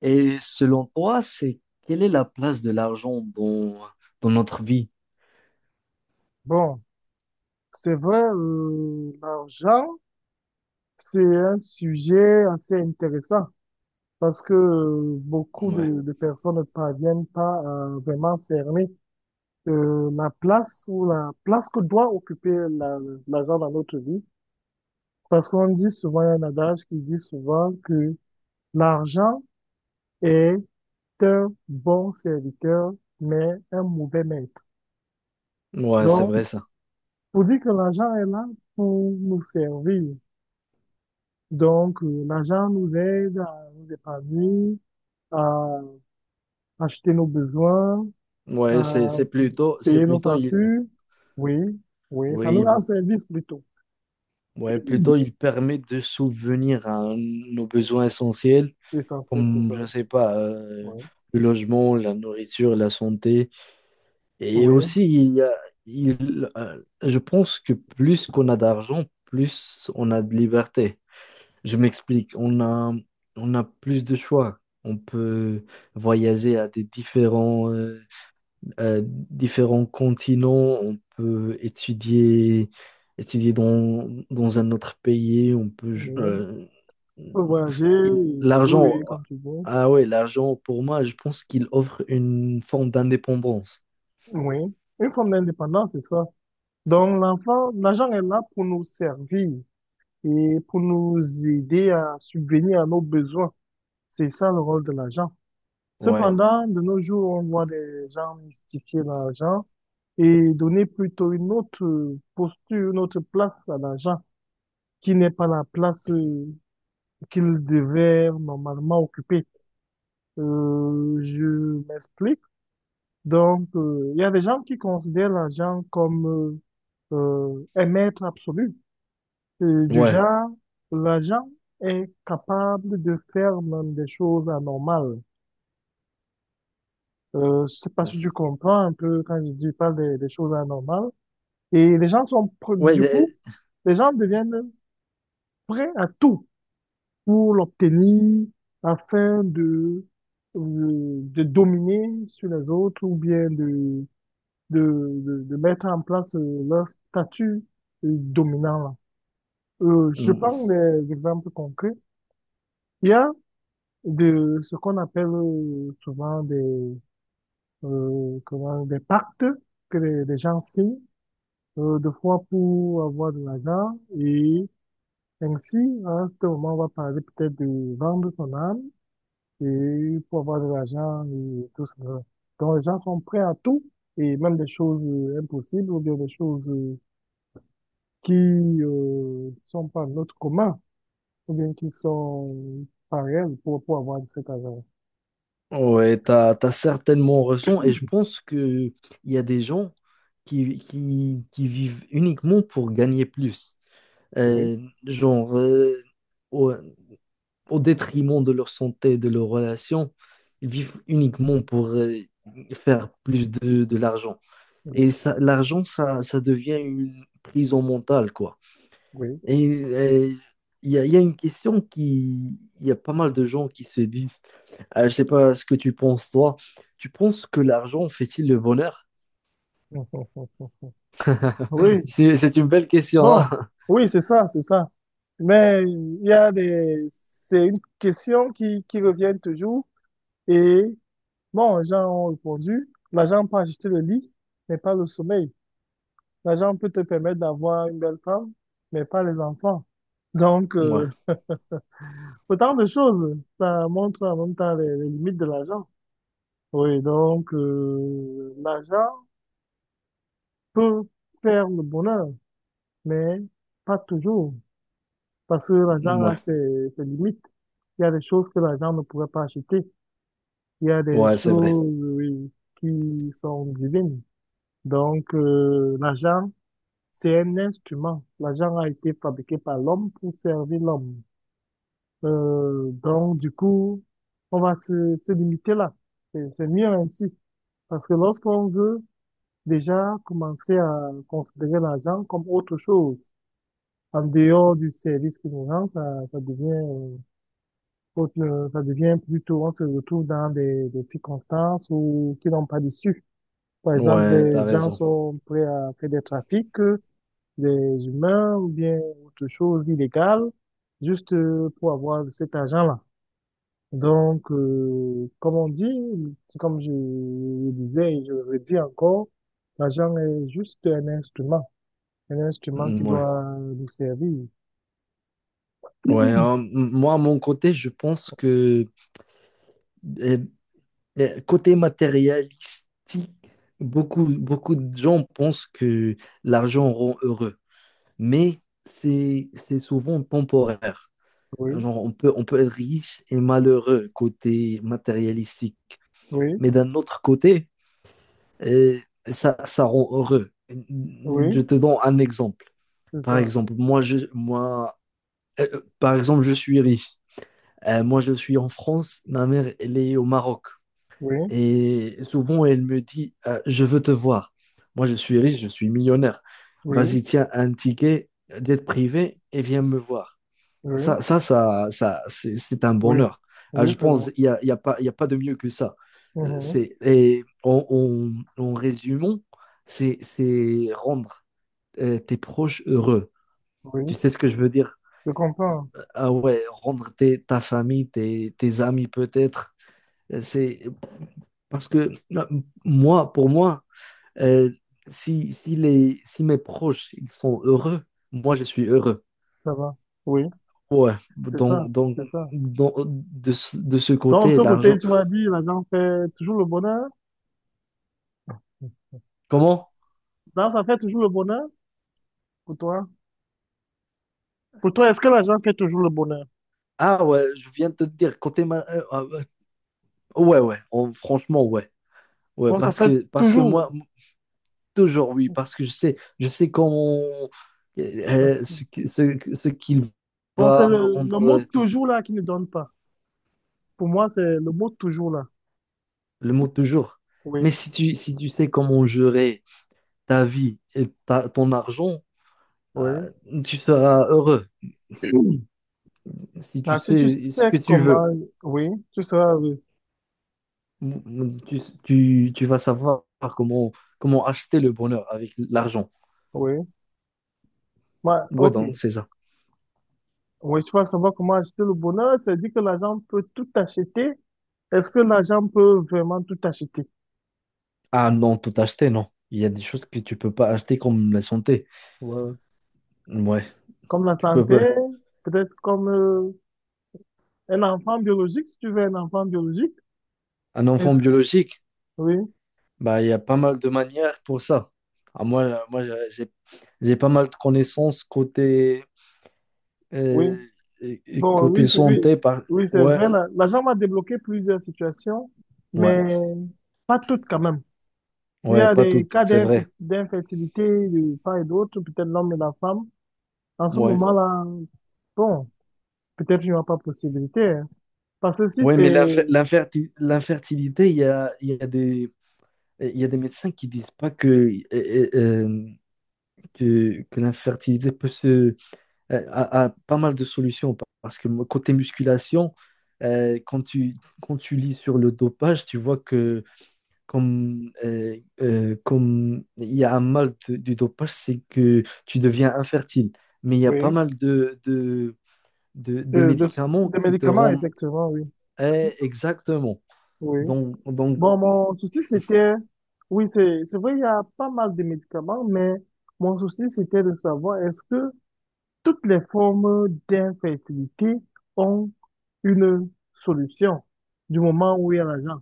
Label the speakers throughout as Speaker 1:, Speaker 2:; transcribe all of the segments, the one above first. Speaker 1: Et selon toi, c'est quelle est la place de l'argent dans notre vie?
Speaker 2: Bon, c'est vrai, l'argent, c'est un sujet assez intéressant parce que beaucoup
Speaker 1: Ouais,
Speaker 2: de personnes ne parviennent pas à vraiment cerner la place ou la place que doit occuper l'argent dans notre vie. Parce qu'on dit souvent, il y a un adage qui dit souvent que l'argent est un bon serviteur, mais un mauvais maître.
Speaker 1: ouais, c'est
Speaker 2: Donc,
Speaker 1: vrai ça.
Speaker 2: pour dire que l'argent est là pour nous servir. Donc, l'argent nous aide à nous épargner, à acheter nos besoins,
Speaker 1: Ouais, c'est
Speaker 2: à
Speaker 1: c'est plutôt c'est
Speaker 2: payer nos
Speaker 1: plutôt il
Speaker 2: factures. Oui, oui, ça nous
Speaker 1: oui,
Speaker 2: rend service plutôt.
Speaker 1: ouais, plutôt il permet de souvenir à nos besoins essentiels
Speaker 2: L'essentiel, c'est
Speaker 1: comme
Speaker 2: ça.
Speaker 1: je sais pas
Speaker 2: Oui,
Speaker 1: le logement, la nourriture, la santé et
Speaker 2: oui,
Speaker 1: aussi il y a- il je pense que plus qu'on a d'argent, plus on a de liberté. Je m'explique, on a plus de choix. On peut voyager à des différents continents, on peut étudier dans un autre pays, on peut...
Speaker 2: oui. On peut voyager,
Speaker 1: il-
Speaker 2: oui,
Speaker 1: l'argent,
Speaker 2: oui, comme tu dis.
Speaker 1: ah ouais, l'argent pour moi, je pense qu'il offre une forme d'indépendance.
Speaker 2: Oui, une forme d'indépendance, c'est ça. Donc, l'enfant, l'argent est là pour nous servir et pour nous aider à subvenir à nos besoins. C'est ça le rôle de l'argent.
Speaker 1: Ouais,
Speaker 2: Cependant, de nos jours, on voit des gens mystifier l'argent et donner plutôt une autre posture, une autre place à l'argent qui n'est pas la place qu'il devait normalement occuper. Je m'explique. Donc, il y a des gens qui considèrent l'argent comme un maître absolu. Du
Speaker 1: ouais.
Speaker 2: genre, l'argent est capable de faire même des choses anormales. Je sais pas si tu comprends un peu quand je dis, je parle des choses anormales. Et les gens sont,
Speaker 1: Ouais,
Speaker 2: du coup, les gens deviennent prêts à tout pour l'obtenir afin de dominer sur les autres ou bien de, de mettre en place leur statut dominant là. Je
Speaker 1: Mm.
Speaker 2: prends des exemples concrets. Il y a de ce qu'on appelle souvent des, comment, des pactes que les gens signent deux fois pour avoir de l'argent. Et ainsi, à ce moment, on va parler peut-être de vendre son âme et pour avoir de l'argent et tout cela. Donc, les gens sont prêts à tout et même des choses impossibles ou bien des choses qui sont pas de notre commun ou bien qui sont pareilles pour avoir de cet argent.
Speaker 1: Ouais, t'as certainement raison et je pense que il y a des gens qui vivent uniquement pour gagner plus.
Speaker 2: Oui,
Speaker 1: Euh, genre, euh, ouais, au détriment de leur santé, de leurs relations. Ils vivent uniquement pour faire plus de l'argent. Et
Speaker 2: oui,
Speaker 1: ça, ça devient une prison mentale, quoi.
Speaker 2: oui.
Speaker 1: Et il y a une question qui... Il y a pas mal de gens qui se disent, je sais pas ce que tu penses, toi. Tu penses que l'argent fait-il le bonheur?
Speaker 2: Mm. Oui,
Speaker 1: C'est une belle question, hein?
Speaker 2: bon, oui, c'est ça, c'est ça. Mais il y a des, c'est une question qui revient toujours. Et bon, les gens ont répondu, l'argent peut acheter le lit, mais pas le sommeil. L'argent peut te permettre d'avoir une belle femme, mais pas les enfants. Donc,
Speaker 1: Ouais,
Speaker 2: autant de choses. Ça montre en même temps les limites de l'argent. Oui, donc, l'argent peut faire le bonheur, mais pas toujours. Parce que l'argent a
Speaker 1: ouais,
Speaker 2: ses, ses limites. Il y a des choses que l'argent ne pourrait pas acheter. Il y a des
Speaker 1: ouais, c'est vrai.
Speaker 2: choses, oui, qui sont divines. Donc, l'argent, c'est un instrument. L'argent a été fabriqué par l'homme pour servir l'homme. Donc, du coup, on va se limiter là. C'est mieux ainsi. Parce que lorsqu'on veut déjà commencer à considérer l'argent comme autre chose, en dehors du service qui nous rend, ça devient, ça devient plutôt, on se retrouve dans des circonstances où, qui n'ont pas d'issue. Par exemple,
Speaker 1: Ouais, t'as
Speaker 2: des gens
Speaker 1: raison.
Speaker 2: sont prêts à faire des trafics des humains ou bien autre chose illégale, juste pour avoir cet argent-là. Donc, comme on dit, c'est comme je le disais et je le redis encore, l'argent est juste un instrument qui
Speaker 1: Ouais,
Speaker 2: doit nous servir.
Speaker 1: ouais. Moi, à mon côté, je pense que euh, le côté matérialistique, beaucoup de gens pensent que l'argent rend heureux, mais c'est souvent temporaire.
Speaker 2: Oui,
Speaker 1: Genre, on peut être riche et malheureux côté matérialistique,
Speaker 2: oui,
Speaker 1: mais d'un autre côté, euh, ça rend heureux.
Speaker 2: oui,
Speaker 1: Je te donne un exemple.
Speaker 2: c'est
Speaker 1: Par
Speaker 2: ça.
Speaker 1: exemple, moi, par exemple, je suis riche. Moi, je suis en France, ma mère, elle est au Maroc.
Speaker 2: Oui,
Speaker 1: Et souvent, elle me dit, je veux te voir. Moi, je suis riche, je suis millionnaire.
Speaker 2: oui,
Speaker 1: Vas-y, tiens un ticket d'être privé et viens me voir.
Speaker 2: oui,
Speaker 1: Ça, C'est un
Speaker 2: oui,
Speaker 1: bonheur. Ah,
Speaker 2: oui,
Speaker 1: je
Speaker 2: c'est
Speaker 1: pense
Speaker 2: bon.
Speaker 1: il n'y a, il y a pas, il y a pas de mieux que ça.
Speaker 2: Mhm.
Speaker 1: C'est, en résumant, c'est rendre tes proches heureux. Tu
Speaker 2: Oui,
Speaker 1: sais ce que je veux dire?
Speaker 2: je comprends,
Speaker 1: Ah ouais, ta famille, tes amis peut-être, c'est parce que euh, moi, pour moi, euh, si mes proches ils sont heureux, moi je suis heureux.
Speaker 2: ça va. Oui,
Speaker 1: Ouais,
Speaker 2: c'est ça, c'est ça.
Speaker 1: donc, de ce
Speaker 2: Donc,
Speaker 1: côté,
Speaker 2: de ce côté,
Speaker 1: l'argent.
Speaker 2: tu m'as dit, l'argent fait toujours le bonheur.
Speaker 1: Comment?
Speaker 2: Donc, ça fait toujours le bonheur pour toi. Pour toi, est-ce que l'argent fait toujours le bonheur?
Speaker 1: Ah ouais, je viens de te dire, côté ah ouais, franchement, ouais. Ouais,
Speaker 2: Bon, ça fait
Speaker 1: parce que
Speaker 2: toujours.
Speaker 1: moi, toujours oui, parce que je sais comment ce qu'il
Speaker 2: Bon, c'est
Speaker 1: va me
Speaker 2: le mot
Speaker 1: rendre.
Speaker 2: toujours là qui ne donne pas. Pour moi, c'est le mot toujours là.
Speaker 1: Le mot toujours. Mais
Speaker 2: Oui,
Speaker 1: si tu sais comment gérer ta vie et ton argent,
Speaker 2: oui.
Speaker 1: euh, tu seras heureux. Si tu
Speaker 2: Ah, si tu
Speaker 1: sais ce
Speaker 2: sais
Speaker 1: que tu veux,
Speaker 2: comment, oui, tu seras oui,
Speaker 1: tu vas savoir comment, comment acheter le bonheur avec l'argent.
Speaker 2: oui. Bah,
Speaker 1: Ouais,
Speaker 2: ok.
Speaker 1: donc c'est ça.
Speaker 2: Oui, tu vas savoir comment acheter le bonheur. C'est dire que l'argent peut tout acheter. Est-ce que l'argent peut vraiment tout acheter?
Speaker 1: Ah non, tout acheter, non. Il y a des choses que tu peux pas acheter comme la santé.
Speaker 2: Ouais.
Speaker 1: Ouais,
Speaker 2: Comme la
Speaker 1: tu peux
Speaker 2: santé,
Speaker 1: pas.
Speaker 2: peut-être comme un enfant biologique, si tu veux un enfant biologique.
Speaker 1: Un enfant biologique,
Speaker 2: Oui,
Speaker 1: bah, il y a pas mal de manières pour ça. Ah, moi j'ai pas mal de connaissances côté
Speaker 2: oui.
Speaker 1: Euh, et
Speaker 2: Bon,
Speaker 1: côté
Speaker 2: oui, c'est
Speaker 1: santé,
Speaker 2: oui,
Speaker 1: par...
Speaker 2: oui, c'est
Speaker 1: ouais,
Speaker 2: vrai. L'agent m'a débloqué plusieurs situations,
Speaker 1: ouais,
Speaker 2: mais pas toutes quand même. Il y
Speaker 1: ouais,
Speaker 2: a
Speaker 1: pas
Speaker 2: des
Speaker 1: tout,
Speaker 2: cas
Speaker 1: c'est vrai.
Speaker 2: d'infertilité de part et d'autre, peut-être l'homme et la femme. En ce
Speaker 1: Ouais,
Speaker 2: moment-là, bon, peut-être il n'y aura pas possibilité. Hein. Parce que si
Speaker 1: ouais, mais
Speaker 2: c'est,
Speaker 1: l'infertilité, il y a des, il y a des médecins qui disent pas que, euh, euh, euh, que l'infertilité peut se, a, a- a pas mal de solutions parce que côté musculation, euh, quand tu, quand tu lis sur le dopage, tu vois que comme il y a du dopage, c'est que tu deviens infertile. Mais il y a pas
Speaker 2: oui,
Speaker 1: mal des
Speaker 2: euh, de-
Speaker 1: médicaments
Speaker 2: des
Speaker 1: qui te
Speaker 2: médicaments,
Speaker 1: rendent
Speaker 2: effectivement, oui.
Speaker 1: eh, exactement.
Speaker 2: Oui.
Speaker 1: Donc,
Speaker 2: Bon, mon souci, c'était, oui, c'est vrai, il y a pas mal de médicaments, mais mon souci, c'était de savoir est-ce que toutes les formes d'infertilité ont une solution du moment où il y a l'argent.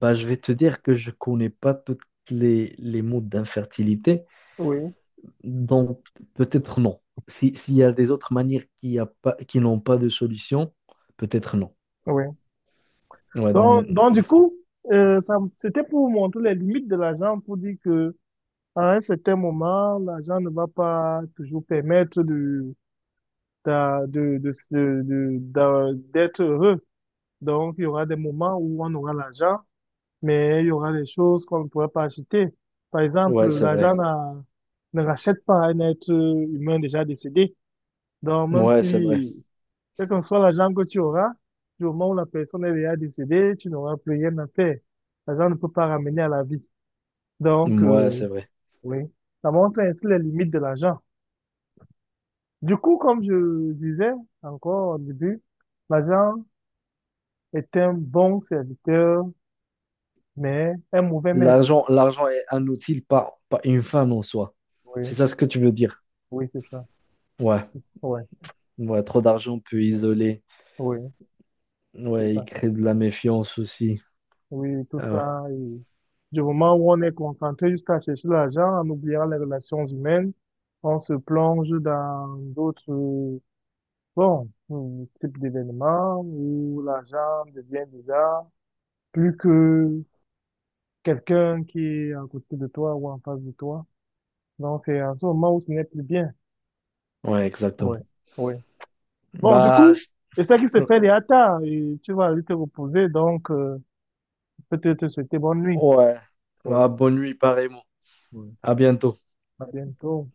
Speaker 1: bah, je vais te dire que je connais pas toutes les modes d'infertilité.
Speaker 2: Oui,
Speaker 1: Donc, peut-être non. Si, s'il y a des autres manières qui n'ont pas de solution, peut-être non.
Speaker 2: oui.
Speaker 1: Ouais, donc,
Speaker 2: Donc du coup, ça, c'était pour vous montrer les limites de l'argent, pour dire que à un certain moment, l'argent ne va pas toujours permettre de, d'être heureux. Donc, il y aura des moments où on aura l'argent, mais il y aura des choses qu'on ne pourrait pas acheter. Par
Speaker 1: ouais,
Speaker 2: exemple,
Speaker 1: c'est
Speaker 2: l'argent
Speaker 1: vrai.
Speaker 2: n'a- ne rachète pas un être humain déjà décédé. Donc, même
Speaker 1: Ouais,
Speaker 2: si,
Speaker 1: c'est vrai.
Speaker 2: quel que soit l'argent que tu auras, du moment où la personne est déjà décédée, tu n'auras plus rien à faire. L'argent ne peut pas ramener à la vie. Donc,
Speaker 1: Ouais, c'est vrai.
Speaker 2: oui, ça montre ainsi les limites de l'argent. Du coup, comme je disais encore au début, l'argent est un bon serviteur, mais un mauvais maître.
Speaker 1: L'argent est un outil, pas une fin en soi.
Speaker 2: Oui,
Speaker 1: C'est ça ce que tu veux dire.
Speaker 2: oui, c'est ça.
Speaker 1: Ouais,
Speaker 2: Ouais,
Speaker 1: ouais, trop d'argent peut isoler.
Speaker 2: oui, c'est
Speaker 1: Ouais, il
Speaker 2: ça.
Speaker 1: crée de la méfiance aussi.
Speaker 2: Oui, tout
Speaker 1: Ah ouais,
Speaker 2: ça. Et du moment où on est concentré jusqu'à chercher l'argent, en oubliant les relations humaines, on se plonge dans d'autres, bon, types d'événements où l'argent devient déjà plus que quelqu'un qui est à côté de toi ou en face de toi. Donc, c'est en ce moment où ce n'est plus bien.
Speaker 1: ouais, exactement.
Speaker 2: Oui, oui. Bon, du
Speaker 1: Bah,
Speaker 2: coup,
Speaker 1: c'est-
Speaker 2: c'est ça qui se fait les tard et tu vas aller te reposer, donc, peut-être te souhaiter bonne nuit.
Speaker 1: ouais.
Speaker 2: Oui,
Speaker 1: Ah, bonne nuit, pareillement.
Speaker 2: oui.
Speaker 1: À bientôt.
Speaker 2: À bientôt.